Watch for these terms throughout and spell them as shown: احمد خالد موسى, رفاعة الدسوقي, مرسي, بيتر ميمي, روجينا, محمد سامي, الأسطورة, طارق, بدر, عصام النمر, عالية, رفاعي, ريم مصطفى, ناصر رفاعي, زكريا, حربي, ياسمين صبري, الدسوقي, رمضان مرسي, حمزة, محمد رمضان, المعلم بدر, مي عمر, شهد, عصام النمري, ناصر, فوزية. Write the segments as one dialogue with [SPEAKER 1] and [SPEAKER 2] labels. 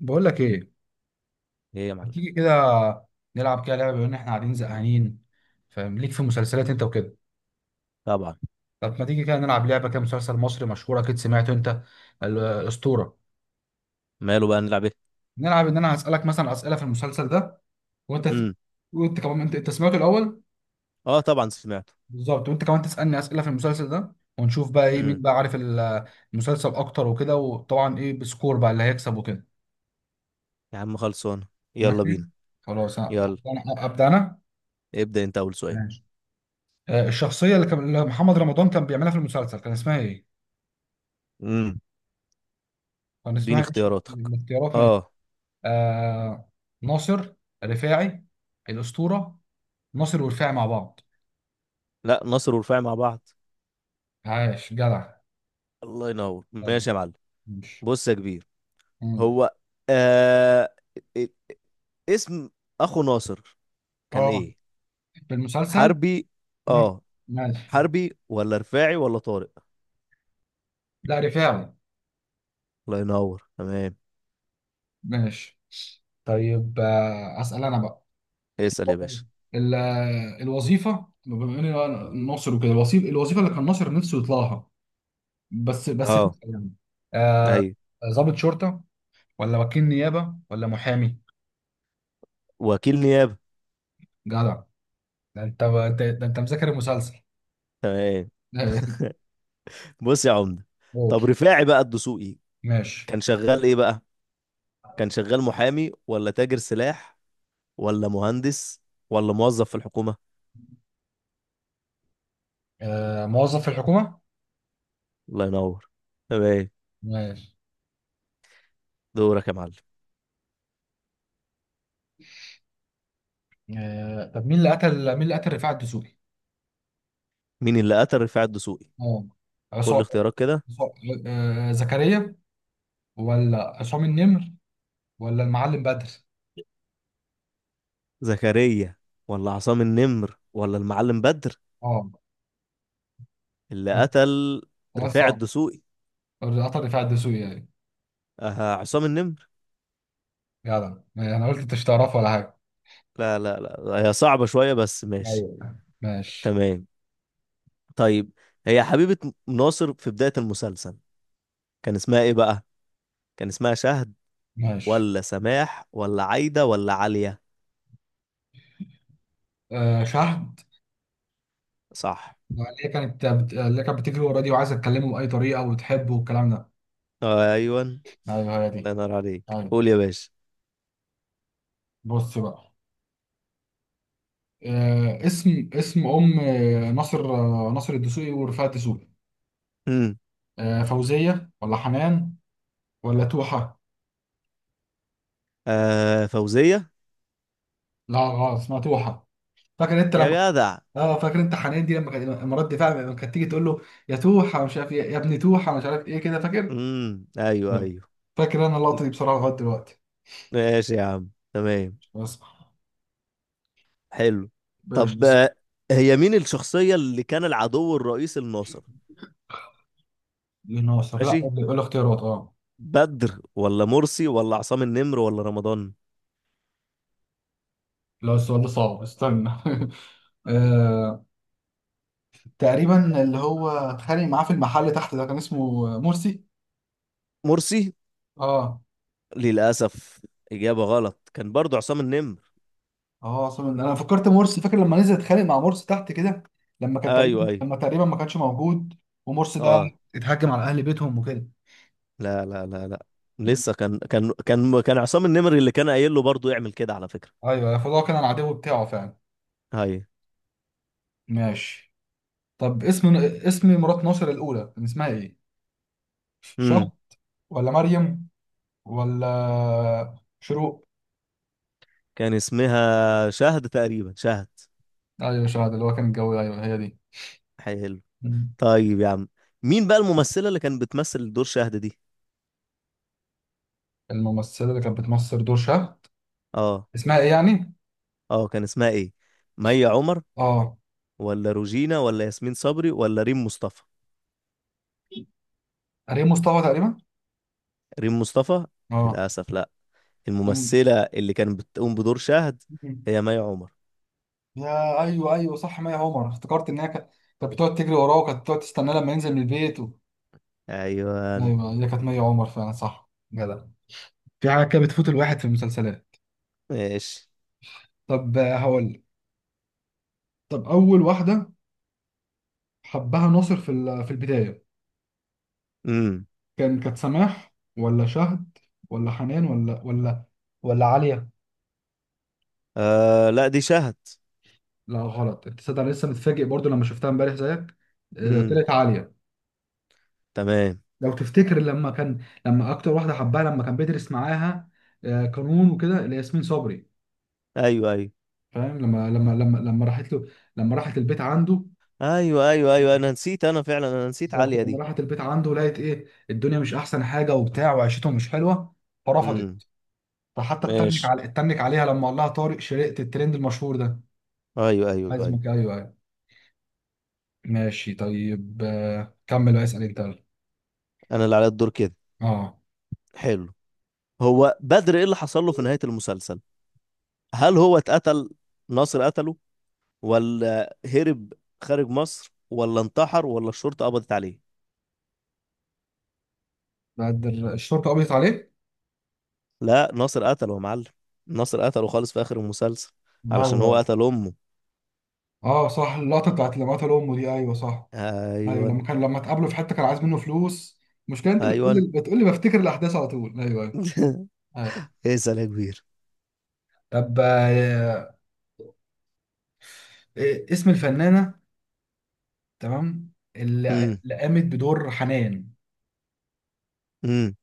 [SPEAKER 1] بقول لك ايه.
[SPEAKER 2] ايه يا
[SPEAKER 1] ما
[SPEAKER 2] معلم؟
[SPEAKER 1] تيجي كده نلعب كده لعبه بما ان احنا قاعدين زهقانين. فاهم ليك في مسلسلات انت وكده؟
[SPEAKER 2] طبعا.
[SPEAKER 1] طب ما تيجي كده نلعب لعبه كده مسلسل مصري مشهور اكيد سمعته انت. الاسطوره.
[SPEAKER 2] ماله، بقى نلعب ايه؟
[SPEAKER 1] نلعب ان انا هسالك مثلا اسئله في المسلسل ده، وانت
[SPEAKER 2] امم
[SPEAKER 1] وانت كمان انت سمعته الاول.
[SPEAKER 2] اه طبعا سمعته.
[SPEAKER 1] بالظبط، وانت كمان تسالني اسئله في المسلسل ده ونشوف بقى ايه مين
[SPEAKER 2] امم
[SPEAKER 1] بقى عارف المسلسل اكتر وكده، وطبعا ايه بسكور بقى اللي هيكسب وكده.
[SPEAKER 2] يا عم خلصان، يلا
[SPEAKER 1] ماشي
[SPEAKER 2] بينا.
[SPEAKER 1] خلاص.
[SPEAKER 2] يلا
[SPEAKER 1] ابدا انا.
[SPEAKER 2] ابدأ انت اول سؤال.
[SPEAKER 1] ماشي. الشخصية اللي محمد رمضان كان بيعملها في المسلسل كان اسمها ايه؟
[SPEAKER 2] امم
[SPEAKER 1] كان اسمها
[SPEAKER 2] اديني
[SPEAKER 1] ايه الشخصية؟
[SPEAKER 2] اختياراتك.
[SPEAKER 1] الاختيارات، ماشي.
[SPEAKER 2] اه
[SPEAKER 1] آه ناصر، رفاعي، الأسطورة، ناصر ورفاعي مع بعض.
[SPEAKER 2] لا، ناصر ورفاعي مع بعض.
[SPEAKER 1] عاش جدع.
[SPEAKER 2] الله ينور،
[SPEAKER 1] يعني،
[SPEAKER 2] ماشي يا معلم.
[SPEAKER 1] مش.
[SPEAKER 2] بص يا كبير،
[SPEAKER 1] مم.
[SPEAKER 2] هو آه... ا- اسم اخو ناصر كان
[SPEAKER 1] اه،
[SPEAKER 2] ايه؟
[SPEAKER 1] في المسلسل.
[SPEAKER 2] حربي
[SPEAKER 1] مم.
[SPEAKER 2] اه.
[SPEAKER 1] ماشي.
[SPEAKER 2] حربي ولا رفاعي ولا طارق؟
[SPEAKER 1] لا رفاعي.
[SPEAKER 2] الله ينور، تمام.
[SPEAKER 1] ماشي. طيب أسأل أنا بقى.
[SPEAKER 2] اسأل يا باشا.
[SPEAKER 1] ال- الوظيفة بما إني أنا ناصر وكده، الوظيفة اللي كان ناصر نفسه يطلعها. بس بس في
[SPEAKER 2] اه
[SPEAKER 1] يعني. آه،
[SPEAKER 2] ايوه،
[SPEAKER 1] ضابط شرطة، ولا وكيل نيابة، ولا محامي؟
[SPEAKER 2] وكيل نيابة.
[SPEAKER 1] جدع. ده انت، ده انت مذاكر المسلسل.
[SPEAKER 2] تمام. بص يا عمده،
[SPEAKER 1] قول.
[SPEAKER 2] طب رفاعي بقى الدسوقي
[SPEAKER 1] ماشي.
[SPEAKER 2] كان شغال ايه بقى؟ كان شغال محامي ولا تاجر سلاح ولا مهندس ولا موظف في الحكومة؟
[SPEAKER 1] موظف في الحكومة.
[SPEAKER 2] الله ينور، تمام.
[SPEAKER 1] ماشي.
[SPEAKER 2] دورك يا معلم.
[SPEAKER 1] طب مين اللي قتل رفاعة الدسوقي؟
[SPEAKER 2] مين اللي قتل رفاعي الدسوقي؟
[SPEAKER 1] اه،
[SPEAKER 2] قول لي
[SPEAKER 1] عصام
[SPEAKER 2] اختيارات كده.
[SPEAKER 1] زكريا، ولا عصام النمر، ولا المعلم بدر؟
[SPEAKER 2] زكريا ولا عصام النمر ولا المعلم بدر؟
[SPEAKER 1] اه،
[SPEAKER 2] اللي قتل
[SPEAKER 1] سؤال
[SPEAKER 2] رفاعي
[SPEAKER 1] صعب.
[SPEAKER 2] الدسوقي
[SPEAKER 1] قطر رفاعة الدسوقي يعني.
[SPEAKER 2] آه عصام النمر.
[SPEAKER 1] جدع انا قلت انت مش تعرفه ولا حاجة.
[SPEAKER 2] لا لا لا، هي صعبة شوية بس ماشي.
[SPEAKER 1] ايوه. ماشي
[SPEAKER 2] تمام. طيب، هي حبيبة ناصر في بداية المسلسل كان اسمها ايه بقى؟ كان اسمها شهد
[SPEAKER 1] ماشي.
[SPEAKER 2] ولا سماح ولا عايدة ولا عالية؟
[SPEAKER 1] شهر.
[SPEAKER 2] صح،
[SPEAKER 1] اللي كانت بتجري ورا دي وعايزه تكلمه باي طريقه وتحبه والكلام ده.
[SPEAKER 2] ايوه. الله
[SPEAKER 1] ايوه هي دي.
[SPEAKER 2] ينور عليك،
[SPEAKER 1] ايوه.
[SPEAKER 2] قول يا باشا.
[SPEAKER 1] بص بقى. اسم ام ناصر الدسوقي ورفاعة الدسوقي.
[SPEAKER 2] امم
[SPEAKER 1] فوزيه، ولا حنان، ولا توحه؟
[SPEAKER 2] آه فوزية.
[SPEAKER 1] لا غلط، اسمها توحه. فاكر انت
[SPEAKER 2] يا
[SPEAKER 1] لما
[SPEAKER 2] جدع.
[SPEAKER 1] اه فاكر انت حنان دي لما كانت مرات دفاع، لما كانت تيجي تقول له يا توحه مش عارف ايه يا ابني، توحه مش عارف ايه كده، فاكر؟
[SPEAKER 2] ايوه
[SPEAKER 1] نعم.
[SPEAKER 2] ايوه.
[SPEAKER 1] فاكر انا اللقطه دي بصراحه لغايه دلوقتي.
[SPEAKER 2] ماشي يا عم، تمام،
[SPEAKER 1] بس.
[SPEAKER 2] حلو. طب
[SPEAKER 1] مش.
[SPEAKER 2] آه، هي مين الشخصية اللي كان العدو الرئيسي لناصر؟
[SPEAKER 1] ناصر لا.
[SPEAKER 2] ماشي.
[SPEAKER 1] قول لي اختيارات. اه.
[SPEAKER 2] بدر ولا مرسي ولا عصام النمر ولا رمضان؟
[SPEAKER 1] لا السؤال ده صعب، استنى. آه، تقريبا اللي هو اتخانق معاه في المحل تحت ده كان اسمه مرسي.
[SPEAKER 2] مرسي.
[SPEAKER 1] اه
[SPEAKER 2] للأسف إجابة غلط، كان برضو عصام النمر.
[SPEAKER 1] اه، اصلا انا فكرت مرسي. فاكر لما نزل اتخانق مع مرسي تحت كده، لما كان
[SPEAKER 2] ايوه
[SPEAKER 1] تقريبا
[SPEAKER 2] ايوه
[SPEAKER 1] لما تقريبا ما كانش موجود. ومرسي ده
[SPEAKER 2] اه.
[SPEAKER 1] اتهجم على اهل بيتهم وكده.
[SPEAKER 2] لا لا لا لا،
[SPEAKER 1] مم.
[SPEAKER 2] لسه كان عصام النمري اللي كان قايل له برضه يعمل كده على فكرة.
[SPEAKER 1] ايوه، فده كان العدو بتاعه فعلا.
[SPEAKER 2] هاي.
[SPEAKER 1] ماشي. طب اسم مرات ناصر الاولى كان اسمها ايه؟ شهد،
[SPEAKER 2] امم
[SPEAKER 1] ولا مريم، ولا شروق؟
[SPEAKER 2] كان اسمها شهد تقريبا، شهد.
[SPEAKER 1] ايوه شهد، اللي هو كان الجو. ايوه هي
[SPEAKER 2] حلو.
[SPEAKER 1] دي.
[SPEAKER 2] طيب يا عم، مين بقى الممثلة اللي كانت بتمثل دور شهد دي؟
[SPEAKER 1] الممثلة اللي كانت بتمثل دور شهد،
[SPEAKER 2] اه
[SPEAKER 1] اسمها ايه يعني؟
[SPEAKER 2] اه كان اسمها ايه؟ مي عمر
[SPEAKER 1] اه،
[SPEAKER 2] ولا روجينا ولا ياسمين صبري ولا ريم مصطفى؟
[SPEAKER 1] ريم مصطفى تقريبا.
[SPEAKER 2] ريم مصطفى.
[SPEAKER 1] اه.
[SPEAKER 2] للأسف لا،
[SPEAKER 1] أم-
[SPEAKER 2] الممثلة اللي كانت بتقوم بدور شهد
[SPEAKER 1] أم.
[SPEAKER 2] هي مي عمر.
[SPEAKER 1] يا ايوه ايوه صح مي عمر. افتكرت ان هي كانت بتقعد تجري وراه وكانت بتقعد تستناه لما ينزل من البيت و...
[SPEAKER 2] ايوه.
[SPEAKER 1] ايوه هي كانت مي عمر فعلا صح جدع. في حاجة كده بتفوت الواحد في المسلسلات.
[SPEAKER 2] ماشي.
[SPEAKER 1] طب هقول لك. طب اول واحدة حبها ناصر في البداية.
[SPEAKER 2] امم
[SPEAKER 1] كانت سماح، ولا شهد، ولا حنان، ولا عالية؟
[SPEAKER 2] آه لا، دي شهد.
[SPEAKER 1] لا غلط، انت تصدق انا لسه متفاجئ برضو لما شفتها امبارح زيك.
[SPEAKER 2] امم
[SPEAKER 1] طلعت عاليه.
[SPEAKER 2] تمام.
[SPEAKER 1] لو تفتكر لما اكتر واحده حبها لما كان بيدرس معاها قانون وكده، اللي هي ياسمين صبري.
[SPEAKER 2] ايوه ايوه
[SPEAKER 1] فاهم لما راحت له، لما راحت البيت عنده.
[SPEAKER 2] ايوه. ايوه ايوه، نسيت، فعلا نسيت عالية
[SPEAKER 1] بالظبط لما
[SPEAKER 2] دي.
[SPEAKER 1] راحت البيت عنده لقيت ايه الدنيا مش احسن حاجه وبتاع وعيشتهم مش حلوه،
[SPEAKER 2] امم
[SPEAKER 1] فرفضت. فحتى اتنك
[SPEAKER 2] ماشي.
[SPEAKER 1] على اتنك عليها لما قال لها طارق شرقت الترند المشهور ده.
[SPEAKER 2] ايوه ايوه ايوه.
[SPEAKER 1] عايزمك ايوه ايوه. ماشي. طيب كمل بقى اسال انت.
[SPEAKER 2] انا اللي عليا الدور كده.
[SPEAKER 1] اه،
[SPEAKER 2] حلو. هو بدر ايه اللي حصل له في نهاية المسلسل؟ هل هو اتقتل؟ ناصر قتله ولا هرب خارج مصر ولا انتحر ولا الشرطة قبضت عليه؟
[SPEAKER 1] بعد الشرطه قبضت عليه.
[SPEAKER 2] لا، ناصر قتله يا معلم، ناصر قتله خالص في اخر المسلسل علشان هو
[SPEAKER 1] هو.
[SPEAKER 2] قتل امه.
[SPEAKER 1] اه صح، اللقطه بتاعت لما قتل امه دي ايوه صح. ايوه
[SPEAKER 2] ايوه
[SPEAKER 1] لما اتقابلوا في حته كان عايز منه فلوس. المشكله انت بتقول
[SPEAKER 2] ايوه.
[SPEAKER 1] لي بتقول لي بفتكر الاحداث على طول. ايوه ايوه. أيوة.
[SPEAKER 2] اسال يا كبير.
[SPEAKER 1] طب إيه اسم الفنانه تمام اللي
[SPEAKER 2] امم
[SPEAKER 1] اللي قامت بدور حنان؟
[SPEAKER 2] امم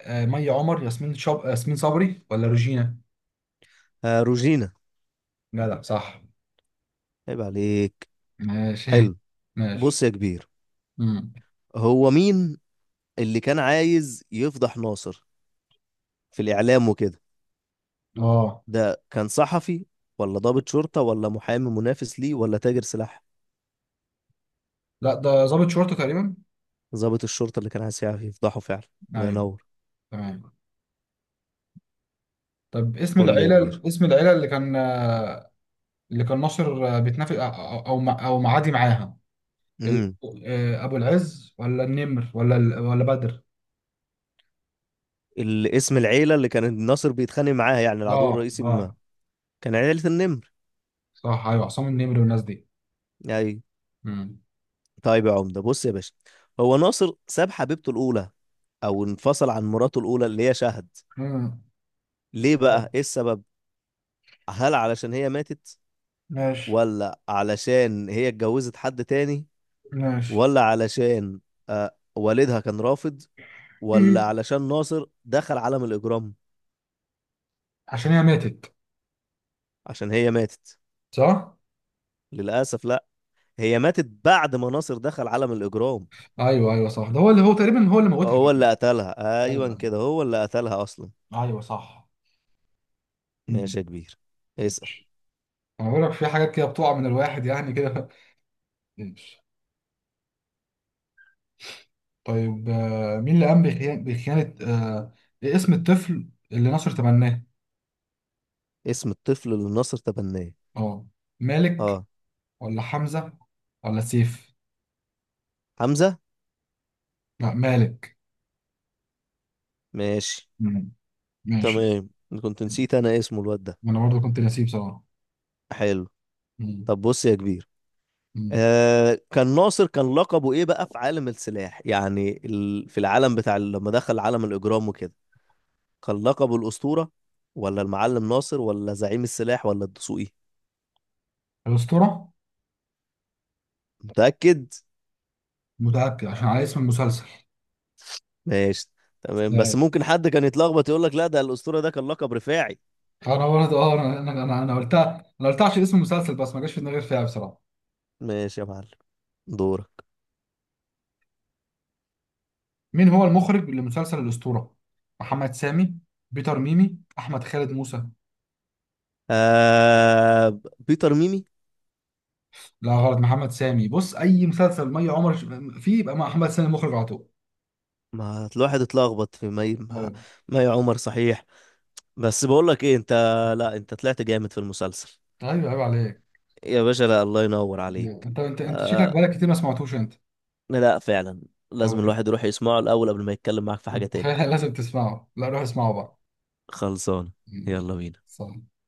[SPEAKER 1] مي عمر، ياسمين ياسمين صبري، ولا روجينا؟
[SPEAKER 2] آه روجينا.
[SPEAKER 1] جدع صح.
[SPEAKER 2] عيب عليك.
[SPEAKER 1] ماشي.
[SPEAKER 2] حلو.
[SPEAKER 1] ماشي.
[SPEAKER 2] بص يا كبير،
[SPEAKER 1] امم.
[SPEAKER 2] هو مين اللي كان عايز يفضح ناصر في الإعلام وكده؟
[SPEAKER 1] اه
[SPEAKER 2] ده كان صحفي ولا ضابط شرطة ولا محامي منافس ليه ولا تاجر سلاح؟
[SPEAKER 1] لا، ده ضابط شرطه تقريبا.
[SPEAKER 2] ضابط الشرطة، اللي كان عايز يعرف يفضحه فعلا. الله
[SPEAKER 1] ايوه.
[SPEAKER 2] ينور.
[SPEAKER 1] تمام. طب اسم
[SPEAKER 2] قول لي يا
[SPEAKER 1] العيله
[SPEAKER 2] كبير.
[SPEAKER 1] اسم العيله اللي كان اللي كان ناصر بيتنافس أو معادي معاها. ال-
[SPEAKER 2] امم
[SPEAKER 1] ابو العز، ولا النمر، ولا بدر.
[SPEAKER 2] الاسم العيلة اللي كان ناصر بيتخانق معاها، يعني العدو
[SPEAKER 1] اه
[SPEAKER 2] الرئيسي، ما
[SPEAKER 1] اه
[SPEAKER 2] كان عيلة النمر
[SPEAKER 1] صح. ايوه عصام النمر والناس دي.
[SPEAKER 2] يعني.
[SPEAKER 1] امم.
[SPEAKER 2] طيب يا عمدة، بص يا باشا، هو ناصر ساب حبيبته الأولى أو انفصل عن مراته الأولى اللي هي شهد
[SPEAKER 1] أمم.
[SPEAKER 2] ليه
[SPEAKER 1] طيب،
[SPEAKER 2] بقى؟ إيه السبب؟ هل علشان هي ماتت،
[SPEAKER 1] ماشي
[SPEAKER 2] ولا علشان هي اتجوزت حد تاني،
[SPEAKER 1] ماشي.
[SPEAKER 2] ولا علشان آه والدها كان رافض، ولا
[SPEAKER 1] أمم.
[SPEAKER 2] علشان ناصر دخل عالم الإجرام؟
[SPEAKER 1] عشان هي ماتت.
[SPEAKER 2] عشان هي ماتت.
[SPEAKER 1] صح.
[SPEAKER 2] للأسف لا، هي ماتت بعد ما ناصر دخل عالم الإجرام،
[SPEAKER 1] ايوه ايوه صح، ده هو اللي هو تقريبا هو اللي موتها
[SPEAKER 2] هو
[SPEAKER 1] كمان.
[SPEAKER 2] اللي قتلها،
[SPEAKER 1] ايوه
[SPEAKER 2] أيوة كده، هو اللي قتلها أصلا.
[SPEAKER 1] ايوه صح.
[SPEAKER 2] ماشي
[SPEAKER 1] امم.
[SPEAKER 2] يا كبير، اسأل.
[SPEAKER 1] انا بقول لك في حاجات كده بتقع من الواحد يعني كده. ماشي. طيب مين اللي قام بخيانة، اسم الطفل اللي ناصر تبناه؟
[SPEAKER 2] اسم الطفل اللي ناصر تبناه
[SPEAKER 1] اه، مالك،
[SPEAKER 2] اه
[SPEAKER 1] ولا حمزة، ولا سيف؟
[SPEAKER 2] حمزة.
[SPEAKER 1] لا مالك.
[SPEAKER 2] ماشي.
[SPEAKER 1] مم. ماشي.
[SPEAKER 2] تمام. كنت نسيت أنا اسمه الواد ده.
[SPEAKER 1] انا برضو كنت نسيب بصراحة.
[SPEAKER 2] حلو.
[SPEAKER 1] مم.
[SPEAKER 2] طب بص يا كبير،
[SPEAKER 1] مم.
[SPEAKER 2] آه كان ناصر كان لقبه ايه بقى في عالم السلاح، يعني في العالم لما دخل عالم الاجرام وكده؟ كان لقبه الاسطوره ولا المعلم ناصر ولا زعيم السلاح ولا الدسوقي؟
[SPEAKER 1] الأسطورة.
[SPEAKER 2] متاكد؟
[SPEAKER 1] متأكد، عشان على اسم المسلسل.
[SPEAKER 2] ماشي، تمام. بس
[SPEAKER 1] لا.
[SPEAKER 2] ممكن حد كان يتلخبط يقول لك لا، ده الاسطوره ده كان لقب رفاعي.
[SPEAKER 1] انا برضو اه انا انا انا أنا قلتها انا قلتها عشان اسم المسلسل، بس ما جاش في دماغي غير فيها بصراحة.
[SPEAKER 2] ماشي يا معلم، دورك.
[SPEAKER 1] مين هو المخرج لمسلسل الأسطورة؟ محمد سامي، بيتر ميمي، احمد خالد موسى.
[SPEAKER 2] آه بيتر ميمي.
[SPEAKER 1] لا غلط، محمد سامي. بص اي مسلسل مي عمر فيه يبقى محمد سامي مخرج على طول.
[SPEAKER 2] ما الواحد اتلخبط في مي، ما
[SPEAKER 1] ايوه
[SPEAKER 2] ما يا عمر صحيح. بس بقول لك ايه انت، لا انت طلعت جامد في المسلسل
[SPEAKER 1] ايوه عيب عليك.
[SPEAKER 2] يا باشا، لا الله ينور عليك.
[SPEAKER 1] انت شكلك
[SPEAKER 2] آه
[SPEAKER 1] بقالك كتير ما سمعتوش انت.
[SPEAKER 2] لا فعلا،
[SPEAKER 1] طب
[SPEAKER 2] لازم الواحد يروح يسمعه الأول قبل ما يتكلم معاك في حاجة
[SPEAKER 1] انت
[SPEAKER 2] تاني.
[SPEAKER 1] لازم تسمعه. لا روح اسمعه بقى.
[SPEAKER 2] خلصان،
[SPEAKER 1] مم.
[SPEAKER 2] يلا بينا.
[SPEAKER 1] صح.